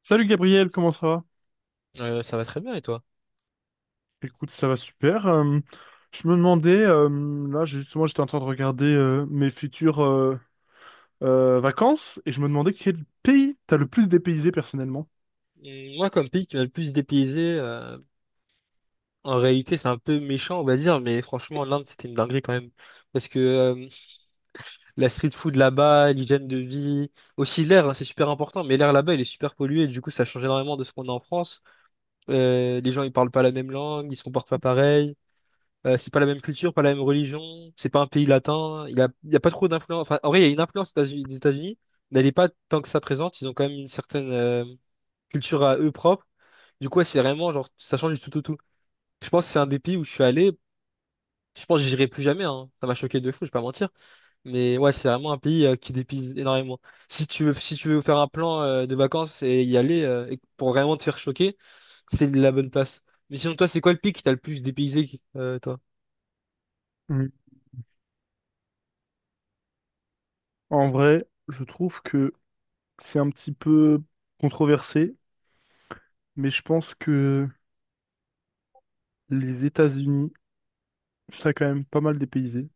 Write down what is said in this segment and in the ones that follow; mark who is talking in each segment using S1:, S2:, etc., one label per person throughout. S1: Salut Gabriel, comment ça va?
S2: Ça va très bien et toi?
S1: Écoute, ça va super. Je me demandais, justement j'étais en train de regarder mes futures vacances et je me demandais quel pays t'as le plus dépaysé personnellement.
S2: Mm, moi, comme pays qui m'a le plus dépaysé, en réalité, c'est un peu méchant, on va dire, mais franchement, l'Inde, c'était une dinguerie quand même. Parce que la street food là-bas, l'hygiène de vie, aussi l'air, hein, c'est super important, mais l'air là-bas, il est super pollué, du coup, ça change énormément de ce qu'on a en France. Les gens, ils parlent pas la même langue, ils se comportent pas pareil, c'est pas la même culture, pas la même religion, c'est pas un pays latin, il y a pas trop d'influence. Enfin, en vrai, il y a une influence des États-Unis, mais elle est pas tant que ça présente, ils ont quand même une certaine, culture à eux propres. Du coup, ouais, c'est vraiment genre, ça change du tout au tout. Je pense que c'est un des pays où je suis allé. Je pense que j'irai plus jamais, hein. Ça m'a choqué de fou, je vais pas mentir. Mais ouais, c'est vraiment un pays qui dépise énormément. Si tu veux, si tu veux faire un plan de vacances et y aller et pour vraiment te faire choquer, c'est la bonne place. Mais sinon, toi, c'est quoi le pays qui t'a le plus dépaysé, toi?
S1: Mm. En vrai, je trouve que c'est un petit peu controversé, mais je pense que les États-Unis, ça a quand même pas mal dépaysé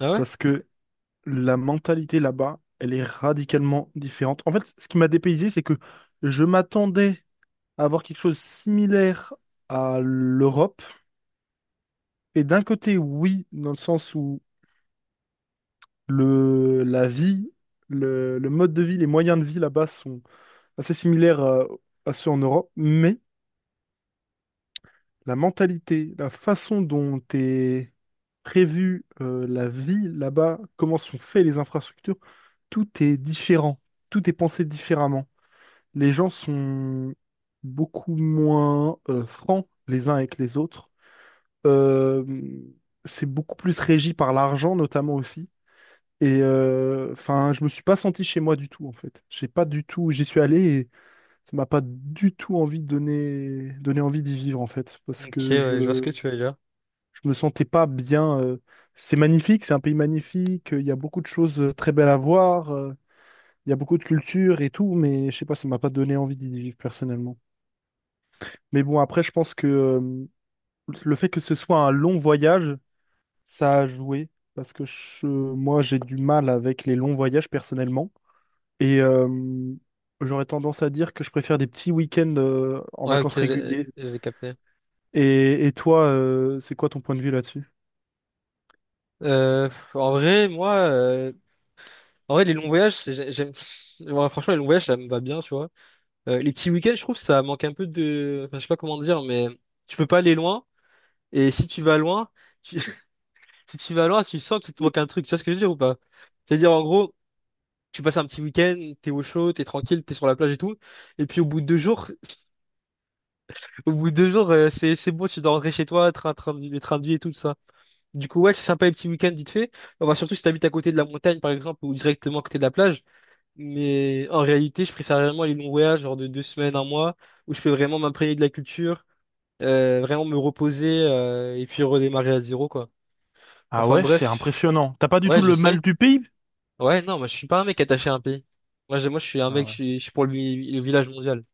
S2: Ah ouais?
S1: parce que la mentalité là-bas, elle est radicalement différente. En fait, ce qui m'a dépaysé, c'est que je m'attendais avoir quelque chose de similaire à l'Europe. Et d'un côté, oui, dans le sens où la vie, le mode de vie, les moyens de vie là-bas sont assez similaires à ceux en Europe, mais la mentalité, la façon dont est prévue la vie là-bas, comment sont faites les infrastructures, tout est différent, tout est pensé différemment. Les gens sont beaucoup moins francs les uns avec les autres. Euh, c'est beaucoup plus régi par l'argent, notamment aussi. Enfin, je me suis pas senti chez moi du tout, en fait. J'ai pas du tout, j'y suis allé et ça m'a pas du tout envie de donner envie d'y vivre, en fait, parce
S2: Ok,
S1: que
S2: ouais, je vois ce que tu veux dire.
S1: je me sentais pas bien. C'est magnifique, c'est un pays magnifique. Il y a beaucoup de choses très belles à voir. Il y a beaucoup de culture et tout, mais je sais pas, ça m'a pas donné envie d'y vivre personnellement. Mais bon, après, je pense que le fait que ce soit un long voyage ça a joué parce que moi j'ai du mal avec les longs voyages personnellement et euh, j'aurais tendance à dire que je préfère des petits week-ends en
S2: Ouais, ok,
S1: vacances
S2: j'ai
S1: réguliers.
S2: j'ai capté.
S1: Et toi, c'est quoi ton point de vue là-dessus?
S2: Euh, En vrai, moi, en vrai, les longs voyages, j'aime. Ouais, franchement, les longs voyages, ça me va bien, tu vois. Les petits week-ends, je trouve, ça manque un peu de. Enfin, je sais pas comment dire, mais tu peux pas aller loin. Et si tu vas loin, tu- si tu vas loin, tu sens qu'il te manque un truc. Tu vois ce que je veux dire ou pas? C'est-à-dire, en gros, tu passes un petit week-end, t'es au chaud, t'es tranquille, t'es sur la plage et tout. Et puis, au bout de deux jours, au bout de deux jours, c'est bon, tu dois rentrer chez toi, train, train, le train de vie et tout ça. Du coup, ouais, c'est sympa les petits week-ends vite fait. Enfin, surtout si t'habites à côté de la montagne, par exemple, ou directement à côté de la plage. Mais en réalité, je préfère vraiment les longs voyages, genre de deux semaines, un mois, où je peux vraiment m'imprégner de la culture vraiment me reposer et puis redémarrer à zéro, quoi.
S1: Ah
S2: Enfin
S1: ouais, c'est
S2: bref,
S1: impressionnant. T'as pas du tout
S2: ouais, je
S1: le mal
S2: sais.
S1: du pays?
S2: Ouais, non, moi je suis pas un mec attaché à un pays. Moi, je suis un
S1: Ah
S2: mec,
S1: ouais.
S2: je suis pour le, le village mondial.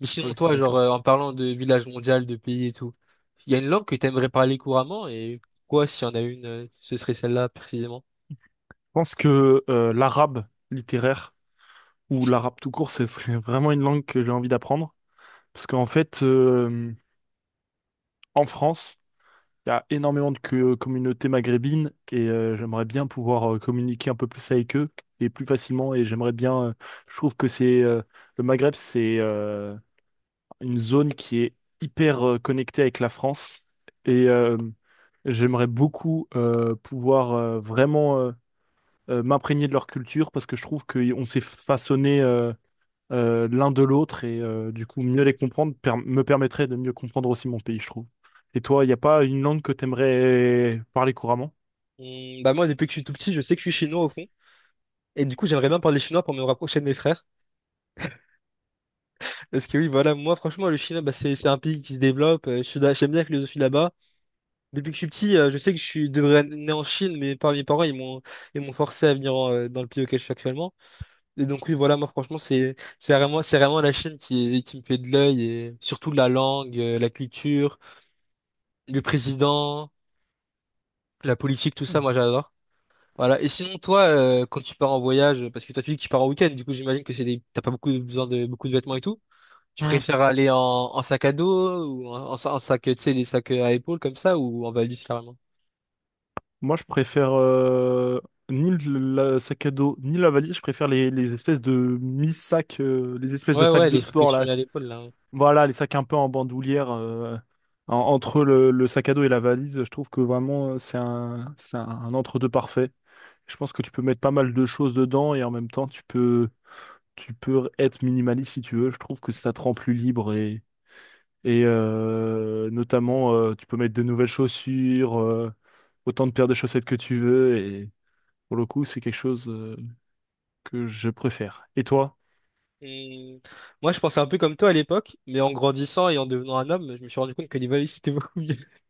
S2: Mais sinon,
S1: Ok,
S2: toi, genre,
S1: d'accord.
S2: en parlant de village mondial, de pays et tout, il y a une langue que t'aimerais parler couramment et quoi, s'il y en a une, ce serait celle-là précisément.
S1: Je pense que l'arabe littéraire ou l'arabe tout court, ce serait vraiment une langue que j'ai envie d'apprendre. Parce qu'en fait, en France, il y a énormément de communautés maghrébines et j'aimerais bien pouvoir communiquer un peu plus avec eux et plus facilement. Et j'aimerais bien, je trouve que c'est le Maghreb, c'est une zone qui est hyper connectée avec la France et euh, j'aimerais beaucoup pouvoir vraiment m'imprégner de leur culture parce que je trouve qu'on s'est façonné l'un de l'autre du coup mieux les comprendre me permettrait de mieux comprendre aussi mon pays, je trouve. Et toi, il n'y a pas une langue que t'aimerais parler couramment?
S2: Bah moi, depuis que je suis tout petit, je sais que je suis chinois au fond. Et du coup, j'aimerais bien parler chinois pour me rapprocher de mes frères. Parce que oui, voilà, moi, franchement, le Chinois, bah, c'est un pays qui se développe. J'aime bien la philosophie là-bas. Depuis que je suis petit, je sais que je devrais être né en Chine, mais par mes parents, ils m'ont forcé à venir en, dans le pays auquel je suis actuellement. Et donc oui, voilà, moi franchement, c'est vraiment la Chine qui me fait de l'œil et surtout la langue, la culture, le président, la politique, tout ça, moi j'adore. Voilà. Et sinon toi, quand tu pars en voyage, parce que toi tu dis que tu pars en week-end, du coup j'imagine que c'est des t'as pas beaucoup besoin de beaucoup de vêtements et tout. Tu
S1: Hmm.
S2: préfères aller en, en sac à dos ou en, en sac, tu sais, les sacs à épaules comme ça ou en valise carrément?
S1: Moi, je préfère ni le la sac à dos, ni la valise, je préfère les espèces de mi-sac, les espèces de
S2: Ouais,
S1: sacs
S2: ouais,
S1: de
S2: les trucs que
S1: sport
S2: tu
S1: là.
S2: mets à l'épaule là.
S1: Voilà, les sacs un peu en bandoulière, entre le sac à dos et la valise, je trouve que vraiment c'est un entre-deux parfait. Je pense que tu peux mettre pas mal de choses dedans et en même temps tu peux être minimaliste si tu veux. Je trouve que ça te rend plus libre et, notamment tu peux mettre de nouvelles chaussures, autant de paires de chaussettes que tu veux et pour le coup c'est quelque chose que je préfère. Et toi?
S2: Hmm. Moi, je pensais un peu comme toi à l'époque, mais en grandissant et en devenant un homme, je me suis rendu compte que les valises, c'était beaucoup mieux.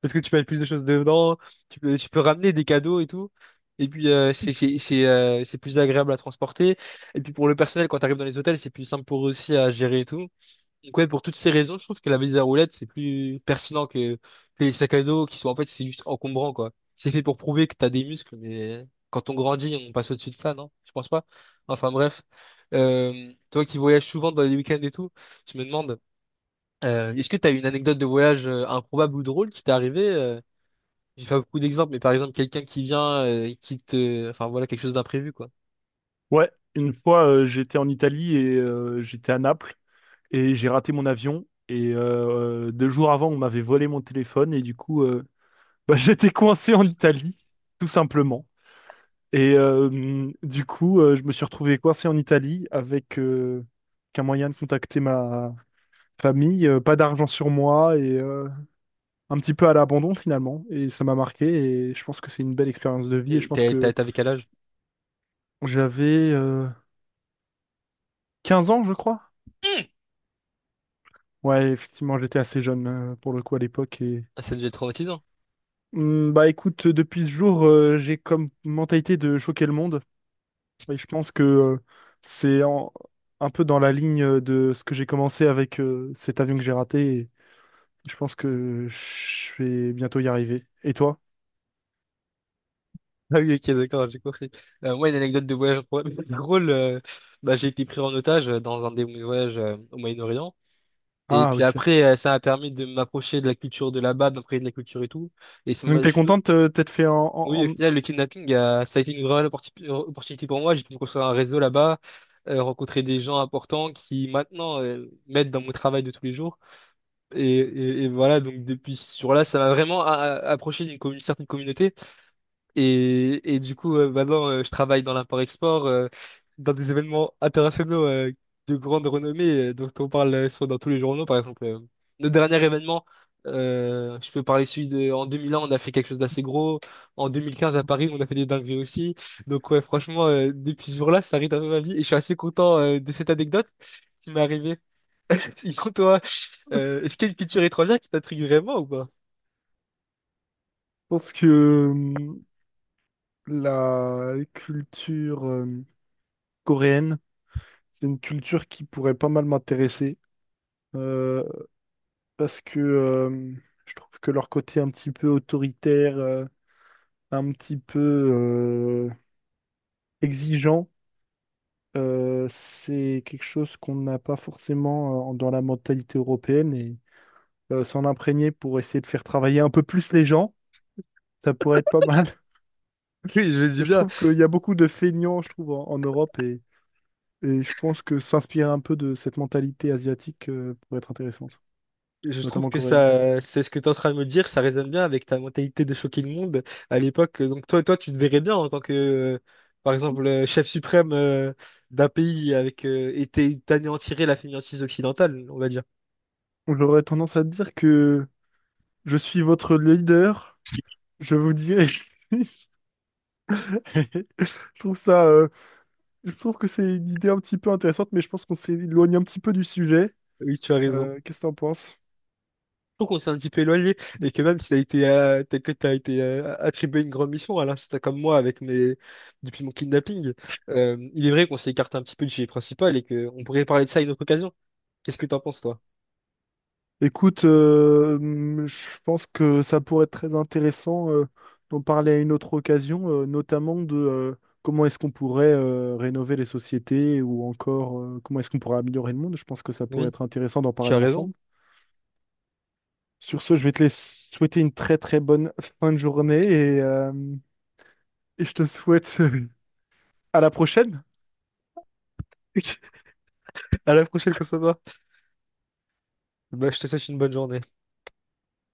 S2: Parce que tu peux mettre plus de choses dedans, tu peux ramener des cadeaux et tout. Et puis, c'est plus agréable à transporter. Et puis, pour le personnel, quand tu arrives dans les hôtels, c'est plus simple pour eux aussi à gérer et tout. Donc ouais, pour toutes ces raisons, je trouve que la valise à roulettes, c'est plus pertinent que les sacs à dos qui sont en fait, c'est juste encombrant, quoi. C'est fait pour prouver que t'as des muscles, mais quand on grandit, on passe au-dessus de ça, non? Je pense pas. Enfin bref, toi qui voyages souvent dans les week-ends et tout, je me demande, est-ce que t'as une anecdote de voyage improbable ou drôle qui t'est arrivée? J'ai pas beaucoup d'exemples, mais par exemple, quelqu'un qui vient, et qui te... Enfin voilà, quelque chose d'imprévu, quoi.
S1: Ouais, une fois j'étais en Italie j'étais à Naples, et j'ai raté mon avion. Deux jours avant, on m'avait volé mon téléphone et du coup, bah, j'étais coincé en Italie, tout simplement. Du coup, je me suis retrouvé coincé en Italie avec qu'un moyen de contacter ma famille, pas d'argent sur moi un petit peu à l'abandon finalement. Et ça m'a marqué et je pense que c'est une belle expérience de vie. Et je
S2: Et
S1: pense que
S2: t'avais quel âge?
S1: j'avais euh, 15 ans, je crois. Ouais, effectivement, j'étais assez jeune pour le coup à l'époque.
S2: Ah, ça devait être traumatisant.
S1: Hmm, bah écoute, depuis ce jour, j'ai comme mentalité de choquer le monde. Et je pense que c'est en- un peu dans la ligne de ce que j'ai commencé avec cet avion que j'ai raté. Et je pense que je vais bientôt y arriver. Et toi?
S2: Ah oui, ok, d'accord, j'ai compris. Moi, une anecdote de voyage drôle, drôle, bah, j'ai été pris en otage dans un des voyages au Moyen-Orient. Et
S1: Ah,
S2: puis
S1: ok.
S2: après, ça m'a permis de m'approcher de la culture de là-bas, de m'imprégner de la culture et tout. Et ça m'a,
S1: Donc
S2: je
S1: t'es
S2: suis...
S1: contente t'être fait
S2: Oui, au
S1: je
S2: final, le kidnapping, ça a été une vraie opportunité pour moi. J'ai pu construire un réseau là-bas, rencontrer des gens importants qui maintenant m'aident dans mon travail de tous les jours. Et voilà, donc depuis ce jour-là, ça m'a vraiment approché d'une certaine communauté. Et du coup, maintenant, je travaille dans l'import-export, dans des événements internationaux de grande renommée, dont on parle soit dans tous les journaux, par exemple. Le dernier événement, je peux parler celui de... En 2001, on a fait quelque chose d'assez gros. En 2015, à Paris, on a fait des dingueries aussi. Donc, ouais, franchement, depuis ce jour-là, ça rythme un peu ma vie. Et je suis assez content de cette anecdote qui m'est arrivée. Sinon, toi, est-ce qu'il y a une culture étrangère qui t'intrigue vraiment ou pas?
S1: pense que la culture coréenne, c'est une culture qui pourrait pas mal m'intéresser. euh, Parce que je trouve que leur côté un petit peu autoritaire, un petit peu exigeant. C'est quelque chose qu'on n'a pas forcément dans la mentalité européenne s'en imprégner pour essayer de faire travailler un peu plus les gens, ça pourrait être pas mal.
S2: Oui, je me
S1: Parce
S2: dis
S1: que je
S2: bien.
S1: trouve qu'il y a beaucoup de feignants, je trouve, en, en Europe et je pense que s'inspirer un peu de cette mentalité asiatique pourrait être intéressante,
S2: Je trouve
S1: notamment
S2: que
S1: coréenne.
S2: ça, c'est ce que tu es en train de me dire, ça résonne bien avec ta mentalité de choquer le monde à l'époque. Donc toi, toi, tu te verrais bien en tant que, par exemple, chef suprême d'un pays avec t'anéantirais la fainéantise occidentale, on va dire.
S1: J'aurais tendance à dire que je suis votre leader, je vous dirai. Je trouve ça euh, Je trouve que c'est une idée un petit peu intéressante, mais je pense qu'on s'est éloigné un petit peu du sujet.
S2: Oui, tu as raison.
S1: Qu'est-ce que t'en penses?
S2: Donc on s'est un petit peu éloigné et que même si t'as été attribué une grande mission, alors c'était comme moi avec mes depuis mon kidnapping, il est vrai qu'on s'est écarté un petit peu du sujet principal et qu'on pourrait parler de ça à une autre occasion. Qu'est-ce que t'en penses, toi?
S1: Écoute, je pense que ça pourrait être très intéressant d'en parler à une autre occasion, notamment de comment est-ce qu'on pourrait rénover les sociétés ou encore comment est-ce qu'on pourrait améliorer le monde. Je pense que ça pourrait
S2: Oui,
S1: être intéressant d'en
S2: tu as
S1: parler
S2: raison.
S1: ensemble. Sur ce, je vais te laisser souhaiter une très très bonne fin de journée et je te souhaite à la prochaine.
S2: À la prochaine, Constantin. Bah, je te souhaite une bonne journée.